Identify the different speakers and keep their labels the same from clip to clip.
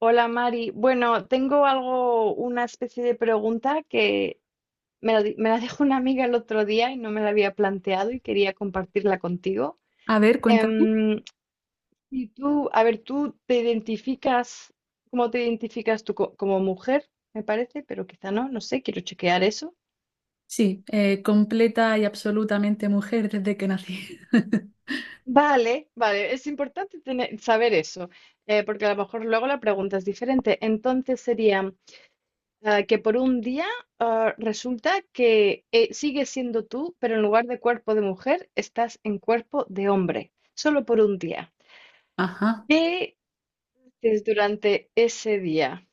Speaker 1: Hola Mari. Bueno, tengo algo, una especie de pregunta que me la dejó una amiga el otro día y no me la había planteado y quería compartirla contigo.
Speaker 2: A ver, cuéntame.
Speaker 1: Em, y tú, a ver, tú te identificas, ¿cómo te identificas tú como mujer? Me parece, pero quizá no sé, quiero chequear eso.
Speaker 2: Sí, completa y absolutamente mujer desde que nací.
Speaker 1: Vale, vale, es importante tener, saber eso, porque a lo mejor luego la pregunta es diferente. Entonces sería. Que por un día resulta que sigues siendo tú, pero en lugar de cuerpo de mujer, estás en cuerpo de hombre, solo por un día.
Speaker 2: Ajá.
Speaker 1: ¿Qué haces durante ese día?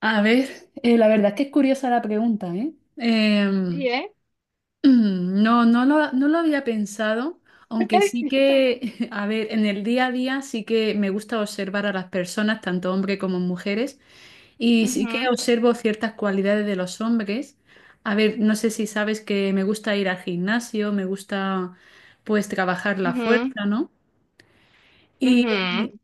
Speaker 2: A ver, la verdad es que es curiosa la pregunta, ¿eh?
Speaker 1: Sí, ¿eh?
Speaker 2: No lo había pensado, aunque sí
Speaker 1: Yo tampoco.
Speaker 2: que, a ver, en el día a día sí que me gusta observar a las personas, tanto hombres como mujeres, y sí que
Speaker 1: Ujú,
Speaker 2: observo ciertas cualidades de los hombres. A ver, no sé si sabes que me gusta ir al gimnasio, me gusta pues trabajar la
Speaker 1: ujú,
Speaker 2: fuerza, ¿no? Y
Speaker 1: ujú,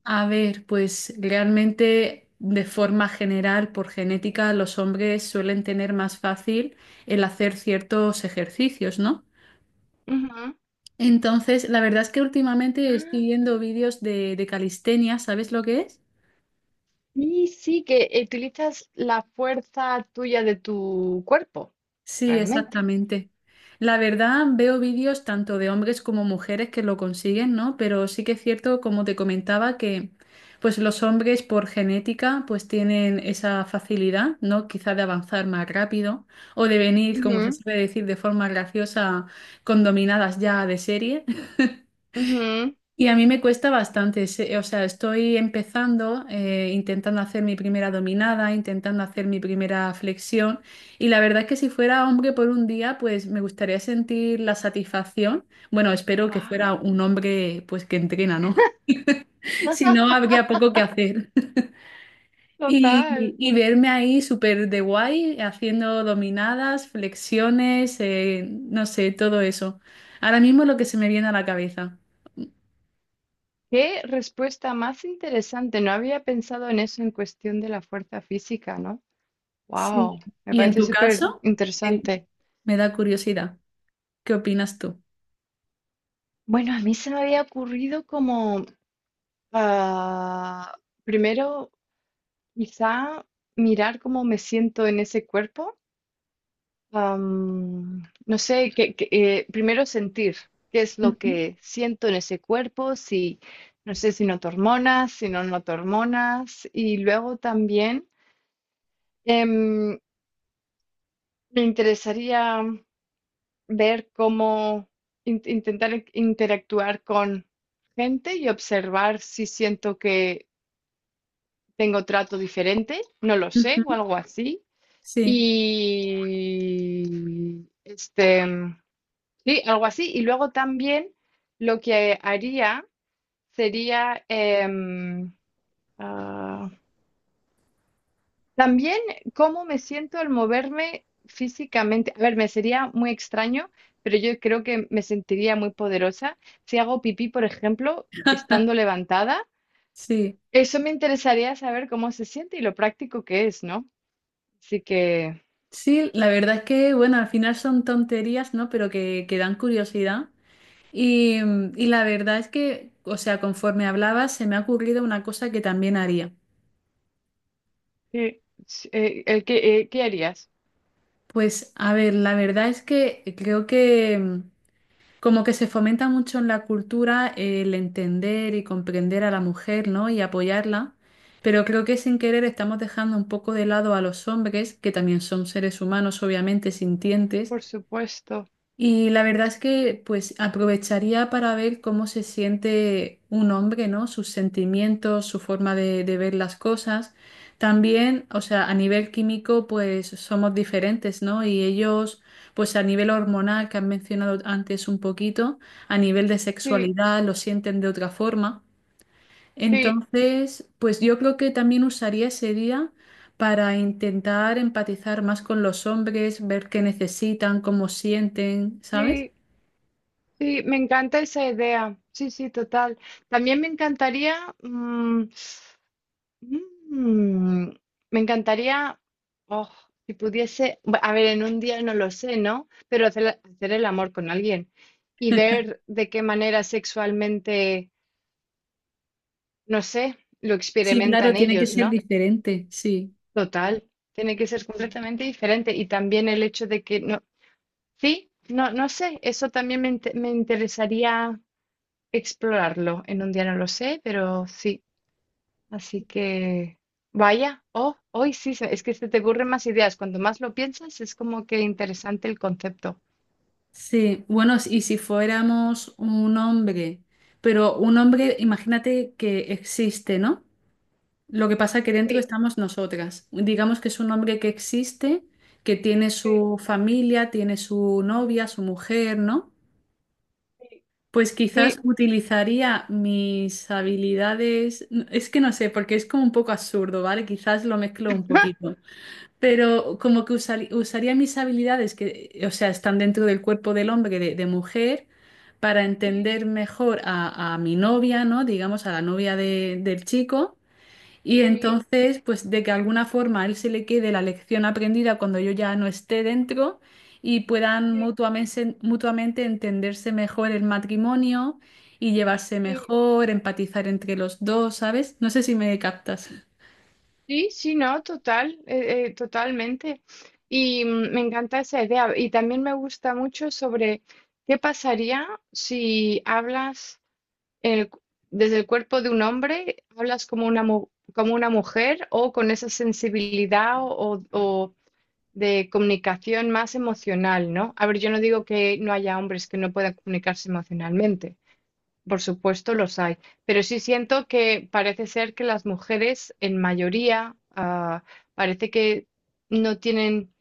Speaker 2: a ver, pues realmente de forma general, por genética, los hombres suelen tener más fácil el hacer ciertos ejercicios, ¿no?
Speaker 1: ujú.
Speaker 2: Entonces, la verdad es que últimamente estoy
Speaker 1: Ah,
Speaker 2: viendo vídeos de calistenia, ¿sabes lo que es?
Speaker 1: Y sí, que utilizas la fuerza tuya de tu cuerpo,
Speaker 2: Sí,
Speaker 1: realmente.
Speaker 2: exactamente. La verdad, veo vídeos tanto de hombres como mujeres que lo consiguen, ¿no? Pero sí que es cierto, como te comentaba, que pues los hombres por genética pues tienen esa facilidad, ¿no? Quizá de avanzar más rápido o de venir, como se
Speaker 1: Ujú,
Speaker 2: suele decir de forma graciosa, con dominadas ya de serie.
Speaker 1: ujú.
Speaker 2: Y a mí me cuesta bastante, o sea, estoy empezando, intentando hacer mi primera dominada, intentando hacer mi primera flexión, y la verdad es que si fuera hombre por un día, pues me gustaría sentir la satisfacción. Bueno, espero que fuera
Speaker 1: Guau,
Speaker 2: un hombre, pues que entrena, ¿no? Si no, habría poco que hacer.
Speaker 1: total.
Speaker 2: Y verme ahí súper de guay, haciendo dominadas, flexiones, no sé, todo eso. Ahora mismo es lo que se me viene a la cabeza.
Speaker 1: Qué respuesta más interesante. No había pensado en eso en cuestión de la fuerza física, ¿no?
Speaker 2: Sí.
Speaker 1: Wow, me
Speaker 2: ¿Y en
Speaker 1: parece
Speaker 2: tu
Speaker 1: súper
Speaker 2: caso?
Speaker 1: interesante.
Speaker 2: Me da curiosidad. ¿Qué opinas tú?
Speaker 1: Bueno, a mí se me había ocurrido como ah, primero quizá mirar cómo me siento en ese cuerpo. No sé, primero sentir qué es lo
Speaker 2: Ujú,
Speaker 1: que siento en ese cuerpo, si no sé si noto hormonas, si no noto hormonas, y luego también. em, Me interesaría ver cómo interactuar con gente y observar si siento que tengo trato diferente, no lo sé, o
Speaker 2: ujú.
Speaker 1: algo así.
Speaker 2: Sí,
Speaker 1: Y este, sí, algo así. Y luego también lo que haría sería, ah, también cómo me siento al moverme físicamente. A ver, me sería muy extraño, pero yo creo que me sentiría muy poderosa si hago pipí, por ejemplo, estando levantada.
Speaker 2: sí,
Speaker 1: Eso me interesaría saber cómo se siente y lo práctico que es, ¿no? Así que,
Speaker 2: sí, la verdad es que, bueno, al final son tonterías, ¿no? Pero que dan curiosidad. Y, y la verdad es que, o sea, conforme hablabas, se me ha ocurrido una cosa que también haría.
Speaker 1: sí, sí, ¿qué harías?
Speaker 2: Pues, a ver, la verdad es que creo que… Como que se fomenta mucho en la cultura el entender y comprender a la mujer, ¿no? Y apoyarla, pero creo que sin querer estamos dejando un poco de lado a los hombres, que también son seres humanos, obviamente, sintientes,
Speaker 1: Por supuesto.
Speaker 2: y la verdad es que pues aprovecharía para ver cómo se siente un hombre, ¿no? Sus sentimientos, su forma de ver las cosas. También, o sea, a nivel químico pues somos diferentes, ¿no? Y ellos pues a nivel hormonal que han mencionado antes un poquito, a nivel de
Speaker 1: Sí,
Speaker 2: sexualidad lo sienten de otra forma.
Speaker 1: sí,
Speaker 2: Entonces, pues yo creo que también usaría ese día para intentar empatizar más con los hombres, ver qué necesitan, cómo sienten, ¿sabes?
Speaker 1: sí, sí, me encanta esa idea. Sí, sí, total. También me encantaría, Mm, me encantaría, oh, si pudiese, a ver, en un día no lo sé, ¿no? Pero hacer el amor con alguien y ver de qué manera sexualmente, no sé, lo
Speaker 2: Sí, claro,
Speaker 1: experimentan
Speaker 2: tiene que
Speaker 1: ellos,
Speaker 2: ser
Speaker 1: ¿no?
Speaker 2: diferente, sí,
Speaker 1: Total, tiene que ser sí, completamente diferente. Y también el hecho de que, no, sí, no, no sé, eso también me interesaría explorarlo. En un día no lo sé, pero sí. Así que, vaya, oh, hoy sí, es que se te ocurren más ideas. Cuanto más lo piensas, es como que interesante el concepto.
Speaker 2: sí. Bueno, y si fuéramos un hombre, pero un hombre, imagínate que existe, ¿no? Lo que pasa que dentro
Speaker 1: Sí,
Speaker 2: estamos nosotras. Digamos que es un hombre que existe, que tiene
Speaker 1: sí,
Speaker 2: su familia, tiene su novia, su mujer, ¿no? Pues
Speaker 1: sí,
Speaker 2: quizás
Speaker 1: sí,
Speaker 2: utilizaría mis habilidades, es que no sé, porque es como un poco absurdo, ¿vale? Quizás lo mezclo un poquito. Pero como que usaría mis habilidades que, o sea, están dentro del cuerpo del hombre, de mujer, para entender mejor a mi novia, ¿no? Digamos, a la novia del chico. Y
Speaker 1: sí, sí,
Speaker 2: entonces, pues de que alguna forma a él se le quede la lección aprendida cuando yo ya no esté dentro y puedan
Speaker 1: sí,
Speaker 2: mutuamente entenderse mejor el matrimonio y llevarse
Speaker 1: sí,
Speaker 2: mejor, empatizar entre los dos, ¿sabes? No sé si me captas.
Speaker 1: sí, sí, no, total, totalmente. Y me encanta esa idea. Y también me gusta mucho sobre qué pasaría si hablas el cu- desde el cuerpo de un hombre, hablas como una, como una mujer o con esa sensibilidad o de comunicación más emocional, ¿no? A ver, yo no digo que no haya hombres que no puedan comunicarse emocionalmente, por supuesto los hay, pero sí siento que parece ser que las mujeres en mayoría parece que no tienen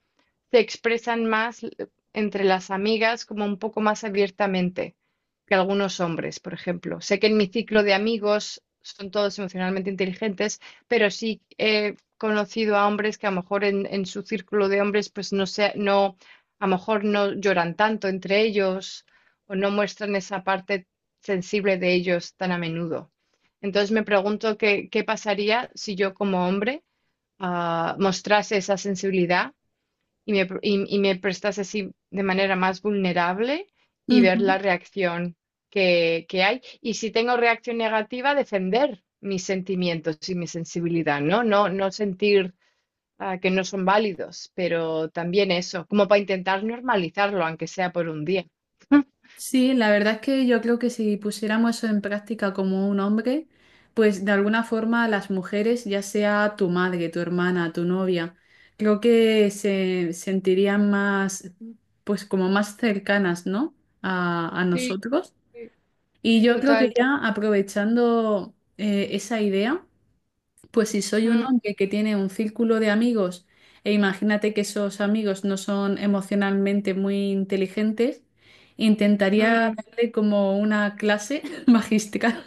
Speaker 1: se expresan más entre las amigas como un poco más abiertamente que algunos hombres, por ejemplo. Sé que en mi ciclo de amigos son todos emocionalmente inteligentes, pero sí he conocido a hombres que a lo mejor en su círculo de hombres pues no sé, no, a lo mejor no lloran tanto entre ellos o no muestran esa parte sensible de ellos tan a menudo. Entonces me pregunto qué pasaría si yo como hombre mostrase esa sensibilidad y y me prestas así de manera más vulnerable y ver
Speaker 2: Mm.
Speaker 1: la reacción que hay. Y si tengo reacción negativa, defender mis sentimientos y mi sensibilidad, ¿no? No sentir que no son válidos, pero también eso, como para intentar normalizarlo, aunque sea por un día.
Speaker 2: Sí, la verdad es que yo creo que si pusiéramos eso en práctica como un hombre, pues de alguna forma las mujeres, ya sea tu madre, tu hermana, tu novia, creo que se sentirían más, pues como más cercanas, ¿no? A
Speaker 1: Sí,
Speaker 2: nosotros.
Speaker 1: sí,
Speaker 2: Y
Speaker 1: sí,
Speaker 2: yo creo que
Speaker 1: total.
Speaker 2: ya aprovechando esa idea. Pues si soy un
Speaker 1: Mm,
Speaker 2: hombre que tiene un círculo de amigos e imagínate que esos amigos no son emocionalmente muy inteligentes, intentaría
Speaker 1: mm.
Speaker 2: darle como una clase magistral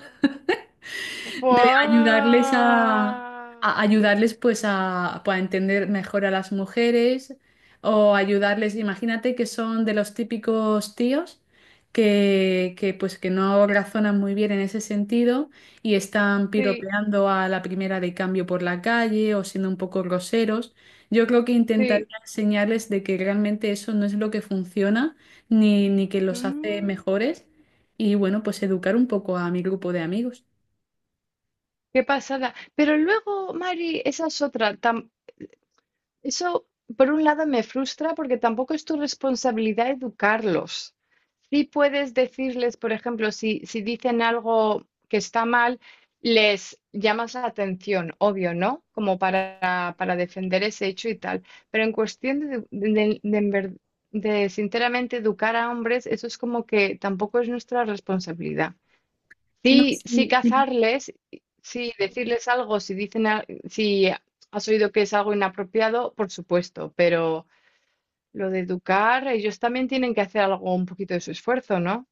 Speaker 2: de ayudarles
Speaker 1: Fua.
Speaker 2: a ayudarles pues a, pues, a entender mejor a las mujeres o ayudarles, imagínate que son de los típicos tíos que pues que no razonan muy bien en ese sentido y están
Speaker 1: Sí,
Speaker 2: piropeando a la primera de cambio por la calle o siendo un poco groseros. Yo creo que intentaría
Speaker 1: sí.
Speaker 2: enseñarles de que realmente eso no es lo que funciona ni que los hace
Speaker 1: Mm.
Speaker 2: mejores y bueno, pues educar un poco a mi grupo de amigos.
Speaker 1: Qué pasada. Pero luego, Mari, esa es otra. Eso, por un lado, me frustra porque tampoco es tu responsabilidad educarlos. Sí puedes decirles, por ejemplo, si, si dicen algo que está mal, les llamas la atención, obvio, ¿no? Como para defender ese hecho y tal. Pero en cuestión de, de sinceramente educar a hombres, eso es como que tampoco es nuestra responsabilidad.
Speaker 2: No,
Speaker 1: Sí, sí
Speaker 2: sí.
Speaker 1: cazarles, sí decirles algo, si dicen, si has oído que es algo inapropiado, por supuesto, pero lo de educar, ellos también tienen que hacer algo, un poquito de su esfuerzo, ¿no?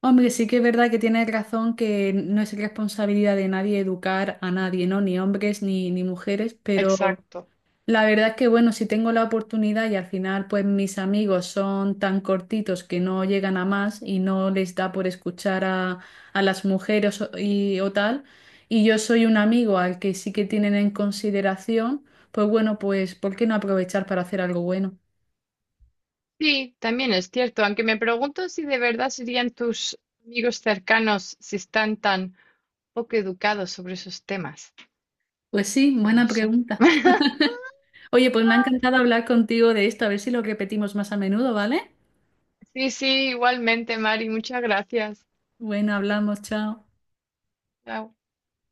Speaker 2: Hombre, sí que es verdad que tienes razón que no es responsabilidad de nadie educar a nadie, ¿no? Ni hombres ni mujeres, pero
Speaker 1: Exacto.
Speaker 2: la verdad es que, bueno, si tengo la oportunidad y al final, pues mis amigos son tan cortitos que no llegan a más y no les da por escuchar a las mujeres y, o tal, y yo soy un amigo al que sí que tienen en consideración, pues bueno, pues ¿por qué no aprovechar para hacer algo bueno?
Speaker 1: Sí, también es cierto, aunque me pregunto si de verdad serían tus amigos cercanos si están tan poco educados sobre esos temas.
Speaker 2: Pues sí,
Speaker 1: No
Speaker 2: buena
Speaker 1: sé.
Speaker 2: pregunta. Oye, pues me ha encantado hablar contigo de esto, a ver si lo repetimos más a menudo, ¿vale?
Speaker 1: Sí, sí, igualmente, Mari, muchas gracias.
Speaker 2: Bueno, hablamos, chao.
Speaker 1: Chao.